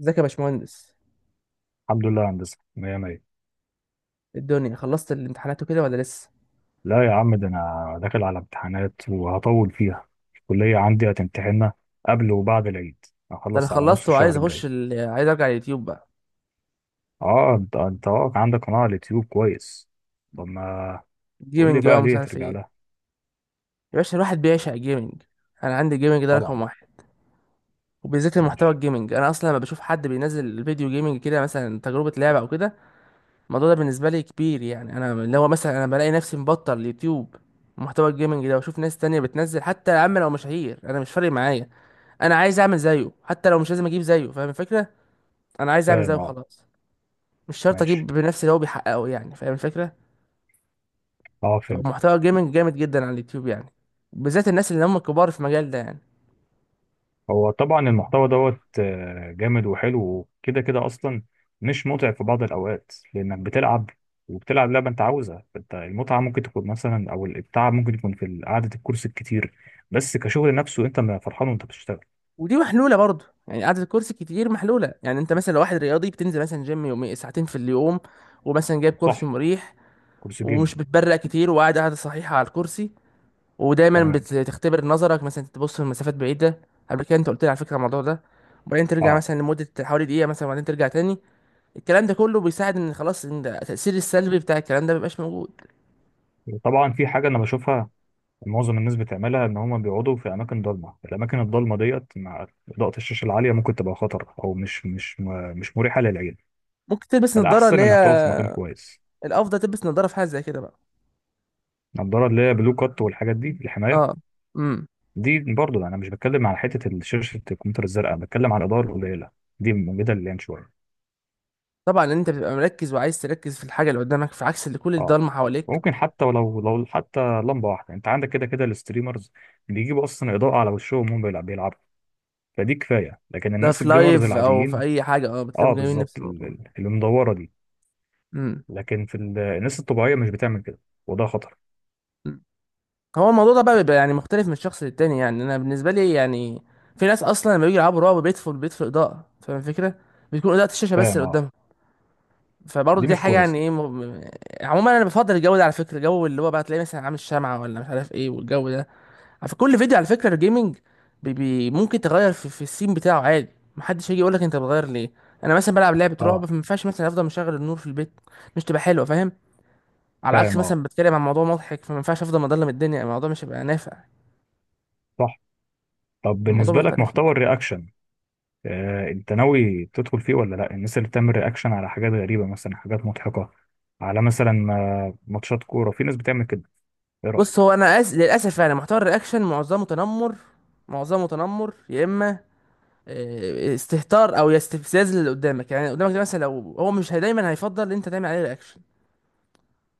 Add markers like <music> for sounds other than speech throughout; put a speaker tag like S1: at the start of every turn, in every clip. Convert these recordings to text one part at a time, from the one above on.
S1: ازيك يا باشمهندس؟
S2: الحمد لله يا هندسة، مية مية.
S1: إيه الدنيا، خلصت الامتحانات وكده ولا لسه؟
S2: لا يا عم، ده أنا داخل على امتحانات وهطول فيها. الكلية عندي هتمتحننا قبل وبعد العيد.
S1: ده انا
S2: هخلص على نص
S1: خلصت وعايز
S2: الشهر
S1: اخش
S2: الجاي.
S1: عايز ارجع اليوتيوب بقى.
S2: اه انت واقع عندك قناة على اليوتيوب، كويس. طب ما قول لي
S1: جيمنج بقى
S2: بقى
S1: ومش
S2: ليه
S1: عارف
S2: هترجع
S1: ايه.
S2: لها؟
S1: يا باشا الواحد بيعشق جيمنج، انا عندي جيمنج ده رقم
S2: طبعا.
S1: واحد. وبالذات المحتوى
S2: مش
S1: الجيمنج، انا اصلا لما بشوف حد بينزل فيديو جيمنج كده، مثلا تجربه لعبه او كده، الموضوع ده بالنسبه لي كبير. يعني انا اللي هو مثلا انا بلاقي نفسي مبطل اليوتيوب محتوى الجيمنج ده واشوف ناس تانية بتنزل، حتى يا عم لو مشاهير انا مش فارق معايا، انا عايز اعمل زيه، حتى لو مش لازم اجيب زيه، فاهم الفكره، انا عايز اعمل زيه
S2: فاهم اه.
S1: خلاص. مش شرط اجيب
S2: ماشي.
S1: بنفس اللي هو بيحققه، يعني فاهم الفكره.
S2: اه فهمت.
S1: فمحتوى الجيمنج جامد جدا على اليوتيوب يعني، بالذات الناس اللي هم كبار في المجال ده يعني.
S2: هو طبعا المحتوى دوت آه، جامد وحلو وكده كده اصلا. مش متعب في بعض الاوقات، لانك بتلعب، وبتلعب لعبه انت عاوزها، فانت المتعه ممكن تكون مثلا، او التعب ممكن يكون في قعده الكرسي الكتير. بس كشغل نفسه، انت ما فرحان وانت بتشتغل.
S1: ودي محلوله برضه، يعني قعده الكرسي كتير محلوله، يعني انت مثلا لو واحد رياضي بتنزل مثلا جيم يومي ساعتين في اليوم، ومثلا جايب كرسي
S2: صح.
S1: مريح،
S2: كرسي
S1: ومش
S2: جيمنج.
S1: بتبرق كتير، وقاعد قاعده صحيحه على الكرسي، ودايما
S2: تمام.
S1: بتختبر نظرك، مثلا تبص لمسافات بعيده قبل كده، انت قلت لي على فكره الموضوع ده، وبعدين ترجع
S2: اه.
S1: مثلا لمده حوالي دقيقه مثلا، وبعدين ترجع تاني. الكلام ده كله بيساعد ان خلاص ان التاثير السلبي بتاع الكلام ده مبيبقاش موجود.
S2: وطبعا في حاجه انا بشوفها، معظم الناس بتعملها، ان هم بيقعدوا في اماكن ضلمه. الاماكن الضلمه ديت مع اضاءه الشاشه العاليه ممكن تبقى خطر، او مش مريحه للعين.
S1: ممكن تلبس نظارة
S2: فالاحسن
S1: اللي هي
S2: انك تقعد في مكان كويس.
S1: الأفضل تلبس نظارة، في حاجة زي كده بقى.
S2: النضاره اللي هي بلو كات والحاجات دي، الحمايه،
S1: اه. امم
S2: دي برضو. انا مش بتكلم على حته شاشه الكمبيوتر الزرقاء، بتكلم على الاضاءه القليله. دي موجوده اللي يعني شويه.
S1: طبعا لأن انت بتبقى مركز، وعايز تركز في الحاجة اللي قدامك، في عكس اللي كل
S2: اه،
S1: الضلمة حواليك.
S2: ممكن حتى ولو حتى لمبه واحده انت عندك، كده كده الستريمرز بيجيبوا اصلا اضاءه على وشهم وهم بيلعبوا. فدي كفايه، لكن
S1: ده
S2: الناس
S1: في
S2: الجيمرز
S1: لايف او في
S2: العاديين.
S1: اي حاجة، اه،
S2: اه
S1: بتلاقيهم جايبين
S2: بالظبط
S1: نفس الموضوع.
S2: المدوره دي.
S1: امم
S2: لكن في الناس الطبيعيه مش بتعمل كده، وده خطر.
S1: أمم. هو الموضوع ده بقى بيبقى يعني مختلف من شخص للتاني، يعني انا بالنسبة لي يعني في ناس اصلا لما بيجوا يلعبوا رعب بيطفوا البيت في اضاءة، فاهم الفكرة؟ بتكون اضاءة الشاشة بس
S2: فاهم
S1: اللي
S2: اه.
S1: قدامهم. فبرضه
S2: دي
S1: دي
S2: مش
S1: حاجة، يعني
S2: كويس.
S1: ايه عموما انا بفضل الجو ده، على فكرة الجو اللي هو بقى تلاقيه مثلا عامل شمعة ولا مش عارف ايه، والجو ده في كل فيديو، على فكرة الجيمنج. بي بي ممكن تغير في السين بتاعه عادي، محدش هيجي يقولك انت بتغير ليه. انا مثلا بلعب لعبة رعب،
S2: اه.
S1: فما ينفعش مثلا افضل مشغل النور في البيت، مش تبقى حلوة، فاهم؟ على عكس
S2: فاهم اه.
S1: مثلا بتكلم عن موضوع مضحك، فما ينفعش افضل مضلم الدنيا، الموضوع مش هيبقى نافع،
S2: صح. طب
S1: الموضوع
S2: بالنسبه لك
S1: مختلف يعني.
S2: محتوى الرياكشن، آه، انت ناوي تدخل فيه ولا لا؟ الناس اللي بتعمل رياكشن على حاجات غريبة، مثلا حاجات مضحكة، على مثلا ماتشات كورة، في ناس بتعمل كده. ايه
S1: بص
S2: رأيك؟
S1: هو انا للاسف يعني محتوى الرياكشن معظمه تنمر، معظمه تنمر، يا اما آه، استهتار او استفزاز اللي قدامك، يعني اللي قدامك ده مثلا لو هو مش هي- دايما هيفضل ان انت تعمل عليه رياكشن،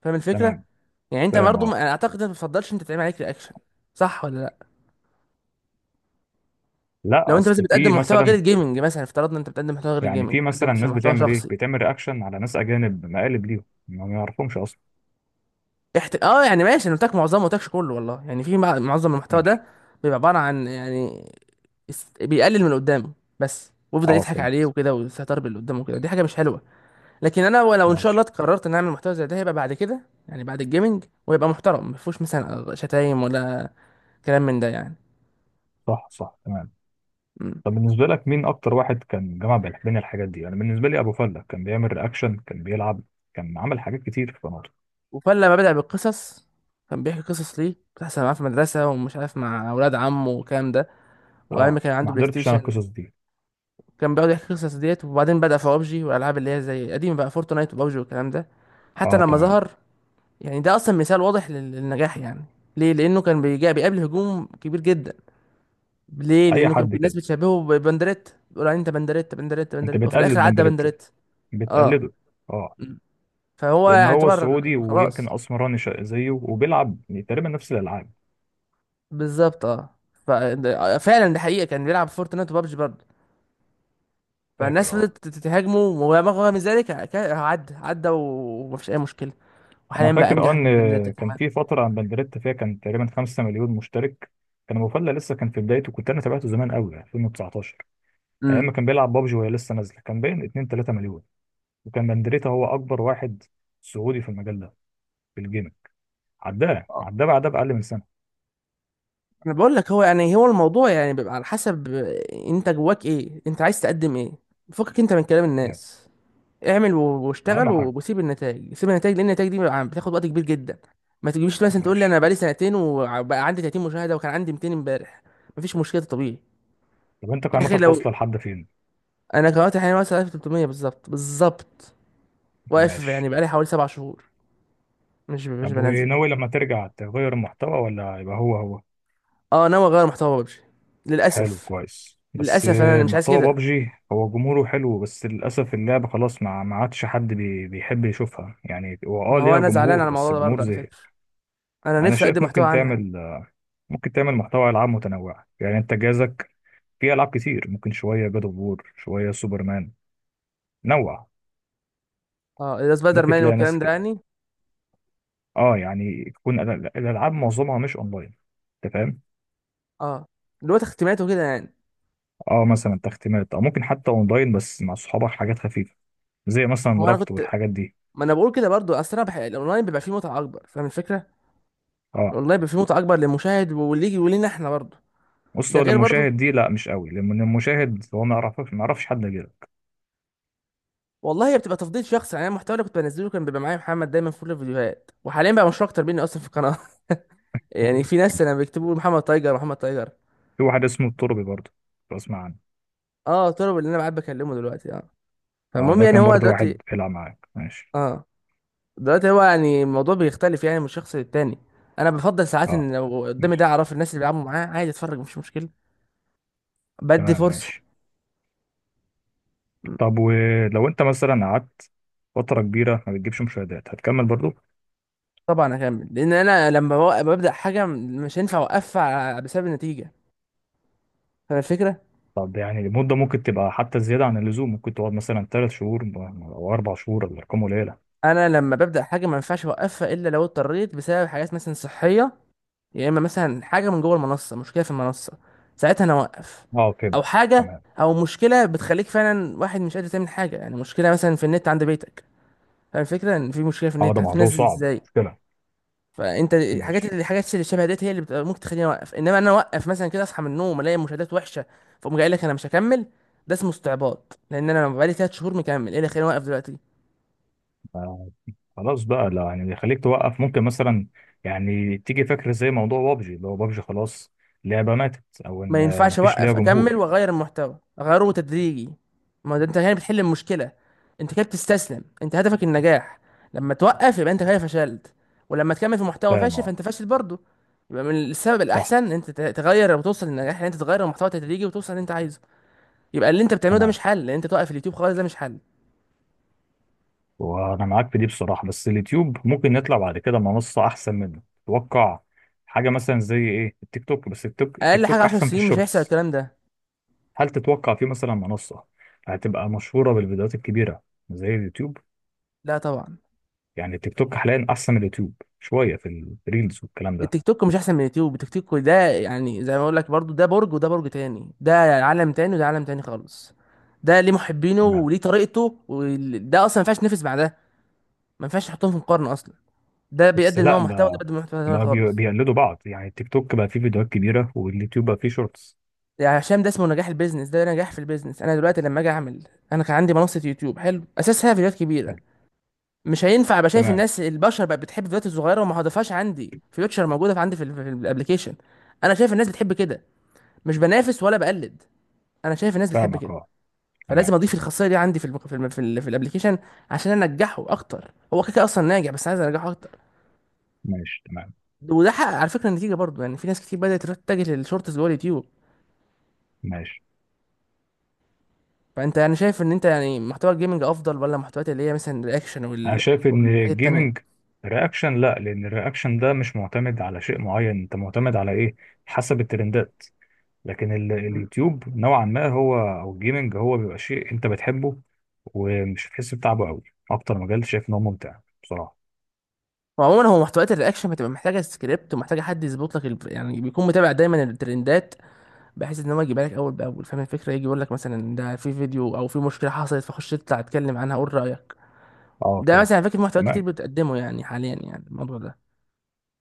S1: فاهم الفكره؟
S2: تمام.
S1: يعني انت
S2: فاهم
S1: برضه
S2: اه.
S1: اعتقد انت ما بتفضلش انت تعمل عليك رياكشن، صح ولا لا؟
S2: لا
S1: لو انت مثلا
S2: اصل في
S1: بتقدم محتوى غير
S2: مثلا.
S1: الجيمنج، مثلا افترضنا انت بتقدم محتوى غير
S2: يعني
S1: الجيمنج،
S2: في
S1: بتقدم
S2: مثلا
S1: مثلا
S2: ناس
S1: محتوى
S2: بتعمل ايه،
S1: شخصي.
S2: بتعمل رياكشن على ناس اجانب، مقالب ليهم ما يعرفهمش اصلا.
S1: اه يعني ماشي، انا قلت لك معظمه، ما قلتلكش كله، والله يعني في معظم المحتوى
S2: ماشي.
S1: ده بيبقى عباره عن يعني بيقلل من اللي قدامه بس، ويفضل
S2: اه
S1: يضحك عليه
S2: فهمت.
S1: وكده، ويستهتر باللي قدامه وكده، دي حاجه مش حلوه. لكن انا لو ان شاء الله
S2: ماشي.
S1: قررت ان اعمل محتوى زي ده، هيبقى بعد كده، يعني بعد الجيمنج، ويبقى محترم ما فيهوش مثلا شتايم ولا كلام من ده يعني.
S2: صح، صح، تمام. طب بالنسبة لك مين اكتر واحد كان جمع بين الحاجات دي؟ انا بالنسبة لي ابو فلة كان بيعمل رياكشن، كان بيلعب، كان عمل حاجات كتير في قناته.
S1: وفلما بدأ بالقصص، كان بيحكي قصص ليه بتحصل معاه في المدرسة ومش عارف مع أولاد عمه والكلام ده، وعمي
S2: اه،
S1: كان
S2: ما
S1: عنده بلاي
S2: حضرتش انا
S1: ستيشن،
S2: القصص دي.
S1: كان بيقعد يحكي القصص ديت، وبعدين بدأ في بابجي والألعاب اللي هي زي قديمة بقى، فورتنايت وبابجي والكلام ده، حتى
S2: اه،
S1: لما
S2: تمام.
S1: ظهر، يعني ده أصلا مثال واضح للنجاح يعني. ليه؟ لأنه كان بيجا بيقابل هجوم كبير جدا. ليه؟
S2: اي
S1: لأنه كان
S2: حد
S1: الناس
S2: كده،
S1: بتشبهه ببندريت، بيقول عليه أنت بندريت بندريت
S2: انت
S1: بندريت، وفي
S2: بتقلد
S1: الآخر عدى
S2: بندريتا،
S1: بندريت. اه.
S2: بتقلده. اه.
S1: م. فهو
S2: لان هو
S1: يعتبر
S2: سعودي ويمكن
S1: خلاص.
S2: اسمراني زيه، وبيلعب تقريبا نفس الالعاب.
S1: بالظبط اه. فعلا ده حقيقه، كان بيلعب فورتنايت وبابجي برضه. فالناس
S2: فاكر اه.
S1: فضلت تهاجمه، ورغم من ذلك عدى عدى، ومفيش اي مشكله،
S2: انا
S1: وحاليا بقى
S2: فاكر اه،
S1: انجح
S2: ان
S1: من بنداتا
S2: كان
S1: كمان.
S2: في فتره عن بندريتا فيها كان تقريبا 5 مليون مشترك، كان أبو فله لسه كان في بدايته. كنت انا تابعته زمان قوي 2019، ايام
S1: امم
S2: ما كان بيلعب بابجي وهي لسه نازله، كان باين 2 3 مليون. وكان بندريتا هو اكبر واحد سعودي في المجال ده، في الجيمنج. عداه
S1: اه
S2: عداه بعدها باقل من سنه
S1: انا بقول لك، هو يعني هو الموضوع يعني بيبقى على حسب انت جواك ايه، انت عايز تقدم ايه. فكك انت من كلام
S2: يعني.
S1: الناس، اعمل
S2: اهم
S1: واشتغل
S2: حاجه.
S1: وسيب النتائج، سيب النتائج، لان النتائج دي بيبقى بتاخد وقت كبير جدا. ما تجيش مثلا تقول لي انا
S2: ماشي.
S1: بقالي سنتين وبقى عندي 30 مشاهده وكان عندي 200 امبارح، مفيش مشكله، طبيعي.
S2: طب انت
S1: يا اخي
S2: قناتك
S1: لو
S2: واصله لحد فين؟
S1: انا دلوقتي حاليا واصل 1300 بالظبط بالظبط، واقف
S2: ماشي.
S1: يعني بقالي حوالي سبع شهور، مش مش
S2: طب
S1: بنزل.
S2: وناوي لما ترجع تغير المحتوى، ولا يبقى هو هو؟
S1: اه ناوي اغير محتوى ببجي
S2: حلو
S1: للاسف.
S2: كويس، بس
S1: للاسف
S2: آه،
S1: انا مش عايز
S2: محتوى
S1: كده،
S2: بابجي هو جمهوره حلو، بس للأسف اللعبة خلاص ما عادش حد بيحب يشوفها. يعني هو
S1: ما هو
S2: ليها
S1: انا زعلان
S2: جمهور،
S1: على
S2: بس
S1: الموضوع ده
S2: الجمهور
S1: برضه على
S2: زهق.
S1: فكره، انا
S2: أنا
S1: نفسي اقدم
S2: شايف
S1: محتوى عنها.
S2: ممكن تعمل محتوى ألعاب متنوعة. يعني أنت جهازك فيه ألعاب كتير، ممكن شوية جاد أوف وور، شوية سوبرمان، نوع.
S1: اه اذا سبايدر
S2: ممكن
S1: مان
S2: تلاقي ناس
S1: والكلام ده
S2: كده.
S1: يعني.
S2: اه يعني تكون الألعاب معظمها مش أونلاين. أنت فاهم.
S1: اه اللي هو تختيمات وكده يعني.
S2: اه. مثلا تختيمات، او ممكن حتى اونلاين بس مع صحابك، حاجات خفيفه زي مثلا
S1: هو انا
S2: ربط
S1: كنت،
S2: والحاجات دي.
S1: ما انا بقول كده برضه، اصل انا الاونلاين بيبقى فيه متعه اكبر، فاهم الفكره؟
S2: اه،
S1: الاونلاين بيبقى فيه متعه اكبر للمشاهد واللي يجي ولينا احنا برضه.
S2: بص
S1: ده
S2: هو
S1: غير برضه،
S2: للمشاهد دي لا مش قوي، لان المشاهد هو ما يعرفش حد غيرك.
S1: والله هي بتبقى تفضيل شخصي، يعني أنا المحتوى اللي كنت بنزله كان بيبقى معايا محمد دايما في كل الفيديوهات، وحاليا بقى مشهور اكتر مني اصلا في القناه. <laughs> يعني في ناس انا بيكتبوا محمد تايجر، محمد تايجر.
S2: في واحد اسمه التربي برضه، لو اسمع عنه.
S1: اه طلب اللي انا قاعد بكلمه دلوقتي اه.
S2: اه،
S1: فالمهم
S2: ده
S1: يعني
S2: كان
S1: هو
S2: برضه
S1: دلوقتي.
S2: واحد بيلعب معاك، ماشي.
S1: اه دلوقتي هو يعني الموضوع بيختلف يعني من شخص للتاني. انا بفضل ساعات
S2: اه،
S1: ان لو قدامي
S2: ماشي
S1: ده اعرف الناس اللي بيلعبوا معاه، عادي اتفرج مش مشكله. بدي
S2: تمام،
S1: فرصه.
S2: ماشي.
S1: م.
S2: طب ولو انت مثلا قعدت فترة كبيرة ما بتجيبش مشاهدات، هتكمل برضه؟
S1: طبعا اكمل، لان انا لما ببدا حاجه مش هينفع اوقفها بسبب النتيجه، فاهم الفكره؟
S2: طب يعني المدة ممكن تبقى حتى زيادة عن اللزوم، ممكن تقعد مثلا 3 شهور أو 4 شهور، الأرقام قليلة.
S1: انا لما ببدا حاجه ما ينفعش اوقفها، الا لو اضطريت بسبب حاجات مثلا صحيه، يا اما مثلا حاجه من جوه المنصه، مشكله في المنصه، ساعتها انا اوقف.
S2: اه
S1: او
S2: فهمت،
S1: حاجه
S2: تمام.
S1: او مشكله بتخليك فعلا واحد مش قادر تعمل حاجه، يعني مشكله مثلا في النت عند بيتك، فاهم الفكره؟ ان في مشكله في
S2: اه،
S1: النت،
S2: ده موضوع
S1: هتنزل
S2: صعب،
S1: ازاي؟
S2: مشكلة.
S1: فانت الحاجات
S2: ماشي.
S1: اللي الحاجات اللي شبه ديت هي اللي بتبقى ممكن تخليني اوقف، انما انا اوقف مثلا كده اصحى من النوم الاقي مشاهدات وحشه فاقوم جاي قايل لك انا مش هكمل، ده اسمه استعباط، لان انا بقالي ثلاث شهور مكمل، ايه اللي خليني اوقف دلوقتي؟
S2: آه. خلاص بقى، لا يعني يخليك توقف، ممكن مثلا يعني تيجي فكرة زي موضوع بابجي، اللي هو بابجي خلاص لعبة ماتت، او
S1: ما
S2: ان
S1: ينفعش،
S2: مفيش ليها
S1: اوقف اكمل
S2: جمهور.
S1: واغير المحتوى، اغيره تدريجي. ما ده انت هنا بتحل المشكله، انت كده بتستسلم، انت هدفك النجاح، لما توقف يبقى انت كده فشلت، ولما تكمل في محتوى
S2: فاهم
S1: فاشل
S2: اه.
S1: فانت فاشل برضه. يبقى من السبب
S2: صح،
S1: الاحسن ان انت تغير وتوصل للنجاح، ان انت تغير المحتوى تدريجي وتوصل اللي انت عايزه. يبقى اللي انت بتعمله ده مش
S2: تمام.
S1: حل، ان انت توقف اليوتيوب خالص ده مش حل.
S2: وانا معاك في دي بصراحة، بس اليوتيوب ممكن نطلع بعد كده منصة احسن منه، تتوقع حاجة مثلا زي ايه؟ التيك توك. بس التيك
S1: اقل حاجه
S2: توك
S1: 10
S2: احسن في
S1: سنين مش هيحصل
S2: الشورتس.
S1: الكلام ده.
S2: هل تتوقع في مثلا منصة هتبقى مشهورة بالفيديوهات الكبيرة زي اليوتيوب؟
S1: لا طبعا.
S2: يعني التيك توك حاليا احسن من اليوتيوب شوية في الريلز والكلام ده.
S1: التيك توك مش احسن من اليوتيوب، التيك توك ده يعني زي ما اقول لك برضو، ده برج وده برج تاني، ده عالم تاني وده عالم تاني خالص، ده ليه محبينه وليه طريقته، وده اصلا ما ينفعش ينافس مع ده، ما ينفعش تحطهم في مقارنه اصلا، ده
S2: بس
S1: بيقدم
S2: لا
S1: نوع محتوى وده
S2: ما
S1: بيقدم نوع محتوى تاني
S2: ما
S1: خالص.
S2: بيقلدوا بعض، يعني التيك توك بقى فيه فيديوهات كبيرة واليوتيوب بقى فيه شورتس.
S1: يعني هشام ده اسمه نجاح البيزنس، ده نجاح في البيزنس. انا دلوقتي لما اجي اعمل، انا كان عندي منصه يوتيوب حلو اساسها فيديوهات كبيره،
S2: حلو.
S1: مش هينفع ابقى شايف
S2: تمام.
S1: الناس البشر بقت بتحب الفيديوهات الصغيره وما هضيفهاش عندي، فيوتشر موجوده في عندي في الابلكيشن، انا شايف الناس بتحب كده، مش بنافس ولا بقلد، انا شايف الناس بتحب
S2: فاهمك
S1: كده.
S2: اه.
S1: فلازم
S2: تمام
S1: اضيف الخاصيه دي عندي في الابليكيشن عشان انجحه اكتر، هو كده كده اصلا ناجح بس عايز انجحه اكتر.
S2: ماشي. تمام
S1: وده حقق على فكره النتيجه برضو، يعني في ناس كتير بدات تروح تتجه للشورتس جوه اليوتيوب.
S2: ماشي.
S1: فانت يعني شايف ان انت يعني محتوى الجيمنج افضل، ولا محتويات اللي هي مثلا الرياكشن
S2: انا شايف ان
S1: والحاجات
S2: الجيمنج،
S1: التانيه؟
S2: رياكشن لا، لان الرياكشن ده مش معتمد على شيء معين، انت معتمد على ايه؟ حسب الترندات. لكن
S1: م.
S2: اليوتيوب نوعا ما هو، او الجيمنج هو بيبقى شيء انت بتحبه ومش هتحس بتعبه قوي. اكتر مجال شايف ان هو ممتع بصراحة.
S1: وعموما هو محتويات الرياكشن بتبقى محتاجه سكريبت، ومحتاجه حد يظبط لك ال... يعني بيكون متابع دايما الترندات، بحيث ان هو يجيبها لك اول باول، فاهم الفكره؟ يجي يقول لك مثلا ده في فيديو او في مشكله حصلت، فخش اطلع اتكلم عنها قول رايك.
S2: اه
S1: ده مثلا
S2: فهمتك،
S1: فاكر محتوى كتير
S2: تمام.
S1: بتقدمه يعني حاليا يعني الموضوع ده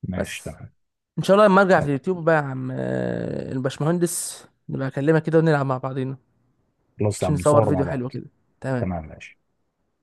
S2: ماشي،
S1: بس.
S2: تمام.
S1: ان شاء الله لما ارجع في اليوتيوب بقى يا عم آه، الباشمهندس نبقى اكلمك كده ونلعب مع بعضينا،
S2: خلاص يا
S1: عشان
S2: عم
S1: نصور
S2: نصور مع
S1: فيديو حلو
S2: بعض.
S1: كده. تمام.
S2: تمام ماشي.